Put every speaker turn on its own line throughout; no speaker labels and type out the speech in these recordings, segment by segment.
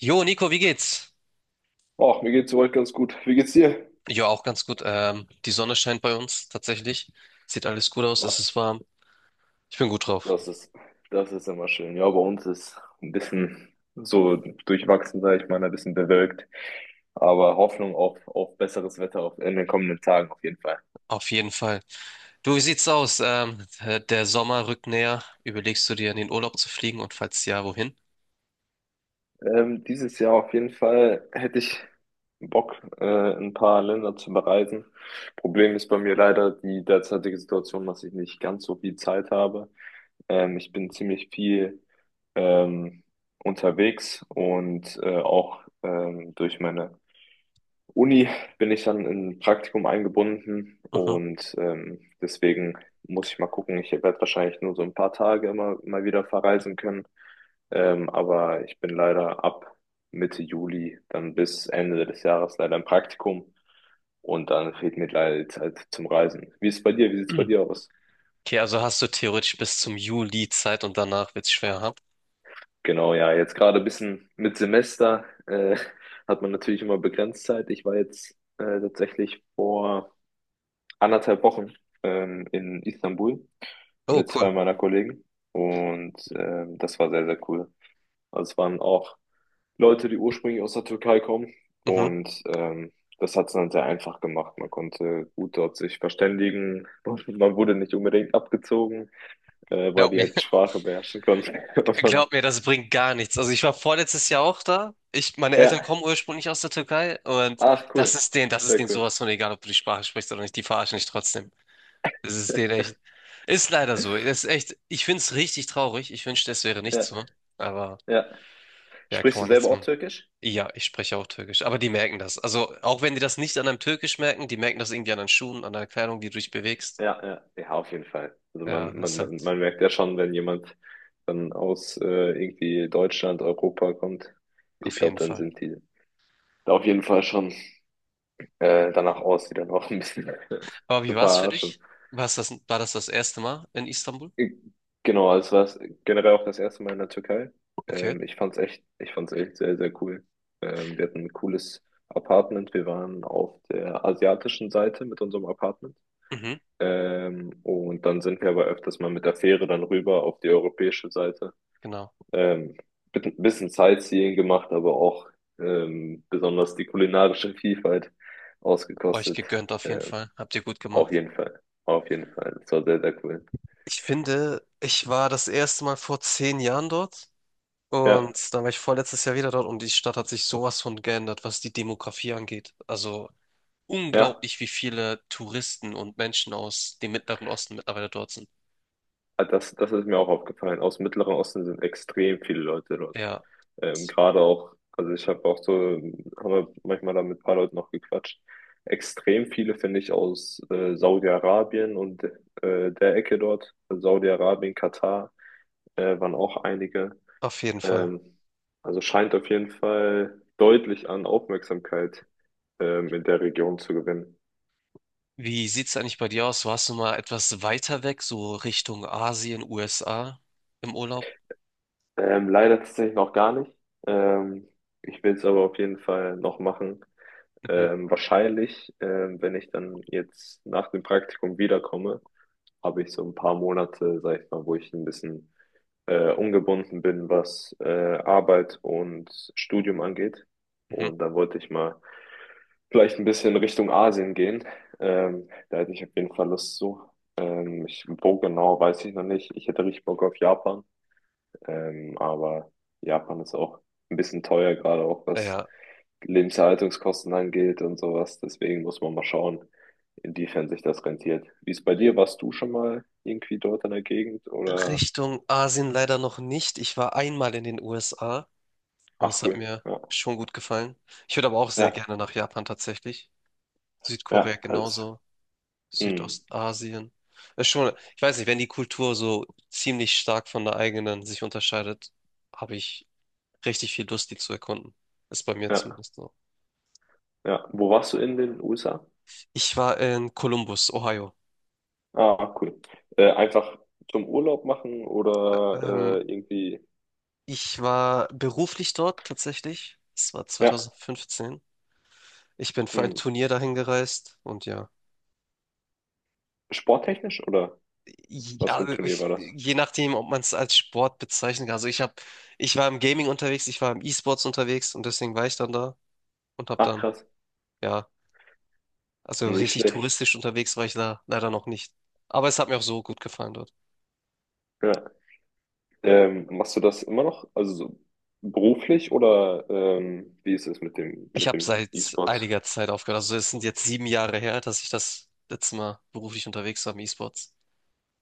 Jo, Nico, wie geht's?
Ach, mir geht's soweit ganz gut. Wie geht's dir?
Jo, auch ganz gut. Die Sonne scheint bei uns tatsächlich. Sieht alles gut aus, es
Ah,
ist warm. Ich bin gut drauf.
Das ist, das ist immer schön. Ja, bei uns ist ein bisschen so durchwachsen, sag ich mal, ein bisschen bewölkt. Aber Hoffnung auf besseres Wetter auf, in den kommenden Tagen auf jeden Fall.
Auf jeden Fall. Du, wie sieht's aus? Der Sommer rückt näher. Überlegst du dir, in den Urlaub zu fliegen und falls ja, wohin?
Dieses Jahr auf jeden Fall hätte ich Bock, ein paar Länder zu bereisen. Problem ist bei mir leider die derzeitige Situation, dass ich nicht ganz so viel Zeit habe. Ich bin ziemlich viel ähm, unterwegs und auch durch meine Uni bin ich dann in ein Praktikum eingebunden
Mhm.
und deswegen muss ich mal gucken. Ich werde wahrscheinlich nur so ein paar Tage immer mal wieder verreisen können. Aber ich bin leider ab Mitte Juli dann bis Ende des Jahres leider im Praktikum und dann fehlt mir leider die Zeit zum Reisen. Wie ist es bei dir? Wie sieht es bei
Hm.
dir aus?
Okay, also hast du theoretisch bis zum Juli Zeit und danach wird's schwer haben.
Genau, ja, jetzt gerade ein bisschen mit Semester hat man natürlich immer begrenzt Zeit. Ich war jetzt tatsächlich vor anderthalb Wochen in Istanbul
Oh,
mit zwei
cool.
meiner Kollegen und das war sehr, sehr cool. Also es waren auch Leute, die ursprünglich aus der Türkei kommen
Mhm.
und das hat es dann sehr einfach gemacht. Man konnte gut dort sich verständigen und man wurde nicht unbedingt abgezogen, weil
Glaub
die
mir.
halt die Sprache beherrschen konnten. Und,
Glaub mir, das bringt gar nichts. Also ich war vorletztes Jahr auch da. Ich, meine Eltern
ja,
kommen ursprünglich aus der Türkei und
ach cool,
das ist
sehr
denen
cool.
sowas von egal, ob du die Sprache sprichst oder nicht, die verarschen dich trotzdem. Das ist denen echt. Ist leider so. Das ist echt, ich find's richtig traurig. Ich wünschte, es wäre nicht
Ja,
so. Aber.
ja.
Ja,
Sprichst
kann
du
man nichts
selber auch
machen.
Türkisch?
Ja, ich spreche auch Türkisch. Aber die merken das. Also, auch wenn die das nicht an einem Türkisch merken, die merken das irgendwie an deinen Schuhen, an der Kleidung, die du dich bewegst.
Ja, ja, ja, auf jeden Fall. Also
Ja,
man,
das
man,
ist
man,
halt
man merkt ja schon, wenn jemand dann aus irgendwie Deutschland, Europa kommt, ich
auf jeden
glaube, dann
Fall.
sind die da auf jeden Fall schon danach aus, die dann auch ein bisschen
Aber wie
zu
war es für
verarschen.
dich? War's das, war das das erste Mal in Istanbul?
Äh, Genau, also war es generell auch das erste Mal in der Türkei.
Okay.
Ich fand's echt, ich fand's echt sehr, sehr cool. Wir hatten ein cooles Apartment. Wir waren auf der asiatischen Seite mit unserem Apartment.
Mhm,
Und dann sind wir aber öfters mal mit der Fähre dann rüber auf die europäische Seite.
genau.
Ähm, Bisschen Sightseeing gemacht, aber auch besonders die kulinarische Vielfalt
Euch
ausgekostet.
gegönnt auf jeden
Ähm,
Fall. Habt ihr gut
auf
gemacht.
jeden Fall, auf jeden Fall. Das war sehr, sehr cool.
Ich finde, ich war das erste Mal vor 10 Jahren dort
Ja,
und dann war ich vorletztes Jahr wieder dort und die Stadt hat sich sowas von geändert, was die Demografie angeht. Also
ja.
unglaublich, wie viele Touristen und Menschen aus dem Mittleren Osten mittlerweile dort sind.
Das, das ist mir auch aufgefallen. Aus dem Mittleren Osten sind extrem viele Leute dort.
Ja,
Gerade auch, also ich habe auch so, haben wir manchmal da mit ein paar Leuten noch gequatscht. Extrem viele finde ich aus Saudi-Arabien und der Ecke dort. Also Saudi-Arabien, Katar waren auch einige.
auf jeden Fall.
Ähm, also scheint auf jeden Fall deutlich an Aufmerksamkeit in der Region zu gewinnen.
Wie sieht's eigentlich bei dir aus? Warst du mal etwas weiter weg, so Richtung Asien, USA im Urlaub?
Leider tatsächlich noch gar nicht. Ähm, Ich will es aber auf jeden Fall noch machen.
Mhm,
Wahrscheinlich, wenn ich dann jetzt nach dem Praktikum wiederkomme, habe ich so ein paar Monate, sag ich mal, wo ich ein bisschen ungebunden bin, was Arbeit und Studium angeht.
mhm.
Und da wollte ich mal vielleicht ein bisschen Richtung Asien gehen. Da hätte ich auf jeden Fall Lust zu. Ich, wo genau, weiß ich noch nicht. Ich hätte richtig Bock auf Japan. Aber Japan ist auch ein bisschen teuer, gerade auch was
Ja,
Lebenshaltungskosten angeht und sowas. Deswegen muss man mal schauen, inwiefern sich das rentiert. Wie ist bei dir? Warst du schon mal irgendwie dort in der Gegend oder?
Richtung Asien leider noch nicht. Ich war einmal in den USA und
Ach
es hat
cool.
mir
Ja,
schon gut gefallen. Ich würde aber auch sehr
ja,
gerne nach Japan tatsächlich. Südkorea
ja, alles.
genauso.
Mhm.
Südostasien. Ist schon, ich weiß nicht, wenn die Kultur so ziemlich stark von der eigenen sich unterscheidet, habe ich richtig viel Lust, die zu erkunden. Ist bei mir
Ja,
zumindest so.
ja. Wo warst du in den USA?
Ich war in Columbus, Ohio.
Ah, cool. Einfach zum Urlaub machen
Ähm,
oder irgendwie.
ich war beruflich dort tatsächlich. Es war
Ja.
2015. Ich bin für ein
Mhm.
Turnier dahin gereist und ja,
Sporttechnisch oder was für
ja
ein Turnier
ich,
war das?
je nachdem, ob man es als Sport bezeichnen kann. Also ich habe, ich war im Gaming unterwegs, ich war im E-Sports unterwegs und deswegen war ich dann da und habe
Ach
dann
krass.
ja. Also
Nicht
richtig
schlecht.
touristisch unterwegs war ich da leider noch nicht. Aber es hat mir auch so gut gefallen dort.
Ja. Machst du das immer noch, also so beruflich oder wie ist es
Ich
mit
habe
dem
seit
E-Sport?
einiger Zeit aufgehört. Also es sind jetzt 7 Jahre her, dass ich das letzte Mal beruflich unterwegs war im E-Sports.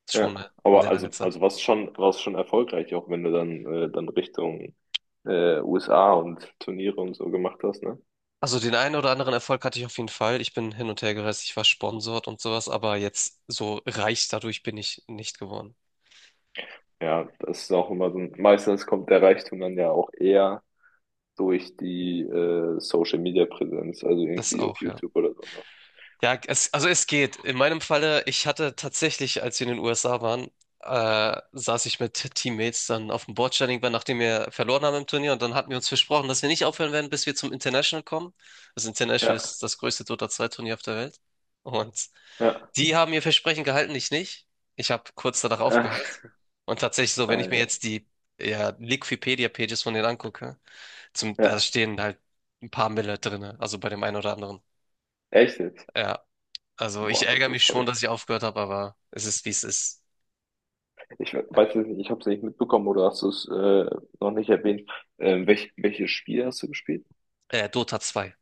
Ist
Ja,
schon eine
aber
sehr lange Zeit.
also warst schon erfolgreich, auch wenn du dann dann Richtung USA und Turniere und so gemacht hast, ne?
Also den einen oder anderen Erfolg hatte ich auf jeden Fall. Ich bin hin und her gereist, ich war sponsort und sowas, aber jetzt so reich dadurch bin ich nicht geworden.
Ja, das ist auch immer so. Meistens kommt der Reichtum dann ja auch eher durch die Social Media Präsenz, also
Das
irgendwie auf
auch, ja.
YouTube oder so, ne?
Ja, es, also es geht. In meinem Falle, ich hatte tatsächlich, als wir in den USA waren, saß ich mit Teammates dann auf dem Bordstein irgendwann, nachdem wir verloren haben im Turnier. Und dann hatten wir uns versprochen, dass wir nicht aufhören werden, bis wir zum International kommen. Das International
Ja,
ist das größte Dota 2-Turnier auf der Welt. Und
ja,
die haben ihr Versprechen gehalten, ich nicht. Ich habe kurz danach
ja,
aufgehört. Und tatsächlich so,
Ah,
wenn ich
ja,
mir
ja.
jetzt die ja, Liquipedia-Pages von denen angucke, zum, da
Ja,
stehen halt ein paar Mille drinne, also bei dem einen oder anderen.
echt jetzt?
Ja, also ich
Boah, das
ärgere mich
ist
schon, dass
verrückt.
ich aufgehört habe, aber es ist, wie es ist.
Ich weiß jetzt nicht, ich habe es nicht mitbekommen oder hast du es noch nicht erwähnt. Welches Spiel hast du gespielt?
Dota 2.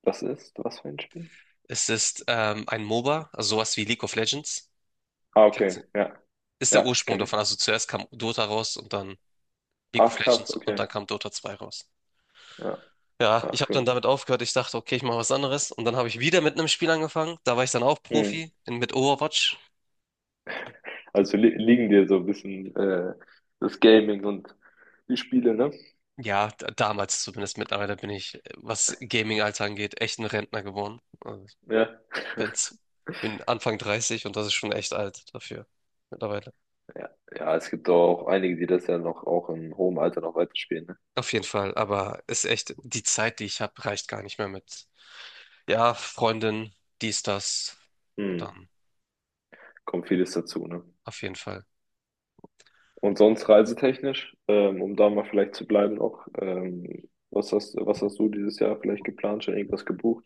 Das ist, was für ein Spiel?
Es ist ein MOBA, also sowas wie League of Legends.
Ah, okay,
Kennst du-
ja,
Ist der
ja,
Ursprung
kenne ich.
davon. Also zuerst kam Dota raus und dann League
Ach,
of
krass,
Legends und
okay,
dann kam Dota 2 raus.
ja,
Ja, ich
ach,
habe
cool.
dann damit aufgehört. Ich dachte, okay, ich mache was anderes. Und dann habe ich wieder mit einem Spiel angefangen. Da war ich dann auch
Hm.
Profi in, mit Overwatch.
Also li liegen dir so ein bisschen das Gaming und die Spiele, ne?
Ja, damals zumindest. Mittlerweile bin ich, was Gaming-Alter angeht, echt ein Rentner geworden. Also ich
Ja,
bin's, bin Anfang 30 und das ist schon echt alt dafür mittlerweile.
ja, ja, es gibt auch einige, die das ja noch auch im hohen Alter noch weiterspielen, ne?
Auf jeden Fall, aber ist echt, die Zeit, die ich habe, reicht gar nicht mehr mit, ja, Freundin, dies, das, und
Hm.
dann,
Kommt vieles dazu, ne?
auf jeden Fall.
Und sonst reisetechnisch, um da mal vielleicht zu bleiben auch, was hast du dieses Jahr vielleicht geplant, schon irgendwas gebucht?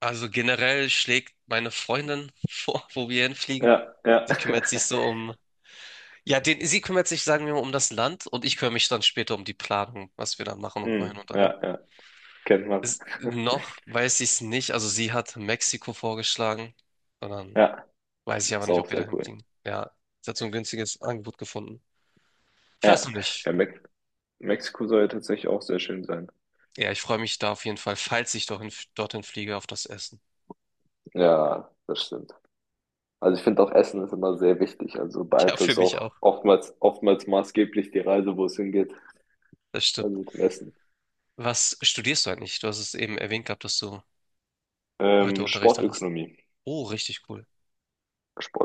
Also generell schlägt meine Freundin vor, wo wir hinfliegen.
Ja, ja.
Sie kümmert sich so um, ja, den, sie kümmert sich, sagen wir mal, um das Land und ich kümmere mich dann später um die Planung, was wir dann machen und wohin
Hm,
und allem.
ja, ja. Kennt man.
Ist, noch weiß ich es nicht, also sie hat Mexiko vorgeschlagen, sondern
Ja,
weiß ich aber
ist
nicht,
auch
ob wir
sehr
dahin
cool.
fliegen. Ja, sie hat so ein günstiges Angebot gefunden. Ich weiß
Ja,
noch nicht.
ja, Mexiko soll ja tatsächlich auch sehr schön sein.
Ja, ich freue mich da auf jeden Fall, falls ich dorthin, dorthin fliege, auf das Essen.
Ja, das stimmt. Also ich finde auch Essen ist immer sehr wichtig. Also
Ja, für
beeinflusst
mich
auch
auch.
oftmals, oftmals maßgeblich die Reise, wo es hingeht.
Das stimmt.
Also mit dem Essen.
Was studierst du eigentlich? Du hast es eben erwähnt gehabt, dass du heute Unterricht hattest.
Sportökonomie.
Oh, richtig cool.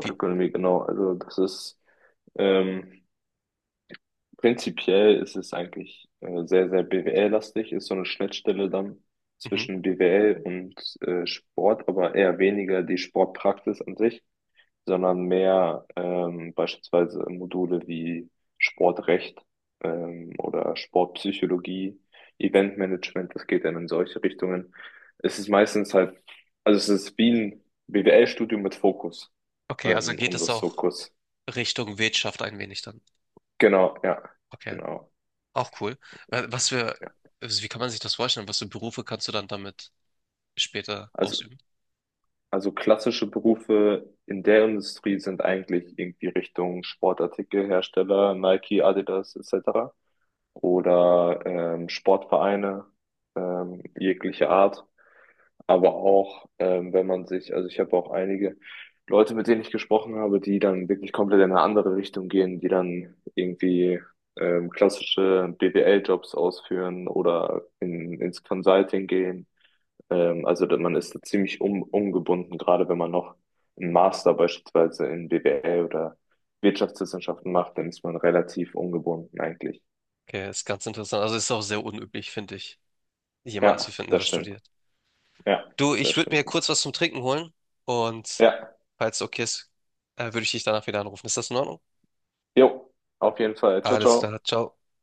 Wie?
genau. Also das ist ähm, prinzipiell ist es eigentlich sehr, sehr BWL-lastig, ist so eine Schnittstelle dann
Mhm.
zwischen BWL und Sport, aber eher weniger die Sportpraxis an sich, sondern mehr beispielsweise Module wie Sportrecht oder Sportpsychologie, Eventmanagement, das geht dann in solche Richtungen. Es ist meistens halt, also es ist wie ein BWL-Studium mit Fokus,
Okay, also geht
um
es
das
auch
Fokus
Richtung Wirtschaft ein wenig dann.
genau, ja,
Okay,
genau.
auch cool. Was für,
Ja.
also wie kann man sich das vorstellen? Was für Berufe kannst du dann damit später
Also
ausüben?
Also klassische Berufe in der Industrie sind eigentlich irgendwie Richtung Sportartikelhersteller, Nike, Adidas etc. oder Sportvereine jeglicher Art. Aber auch, wenn man sich, also ich habe auch einige Leute, mit denen ich gesprochen habe, die dann wirklich komplett in eine andere Richtung gehen, die dann irgendwie klassische BWL-Jobs ausführen oder in, ins Consulting gehen also man ist da ziemlich um, umgebunden, gerade wenn man noch einen Master beispielsweise in BWL oder Wirtschaftswissenschaften macht, dann ist man relativ ungebunden eigentlich.
Okay, ist ganz interessant. Also ist auch sehr unüblich, finde ich, jemanden zu
Ja,
finden, der
das
das
stimmt.
studiert.
Ja,
Du, ich
das
würde mir
stimmt.
kurz was zum Trinken holen und
Ja,
falls es okay ist, würde ich dich danach wieder anrufen. Ist das in Ordnung?
jo, auf jeden Fall. Ciao,
Alles
ciao.
klar, ciao.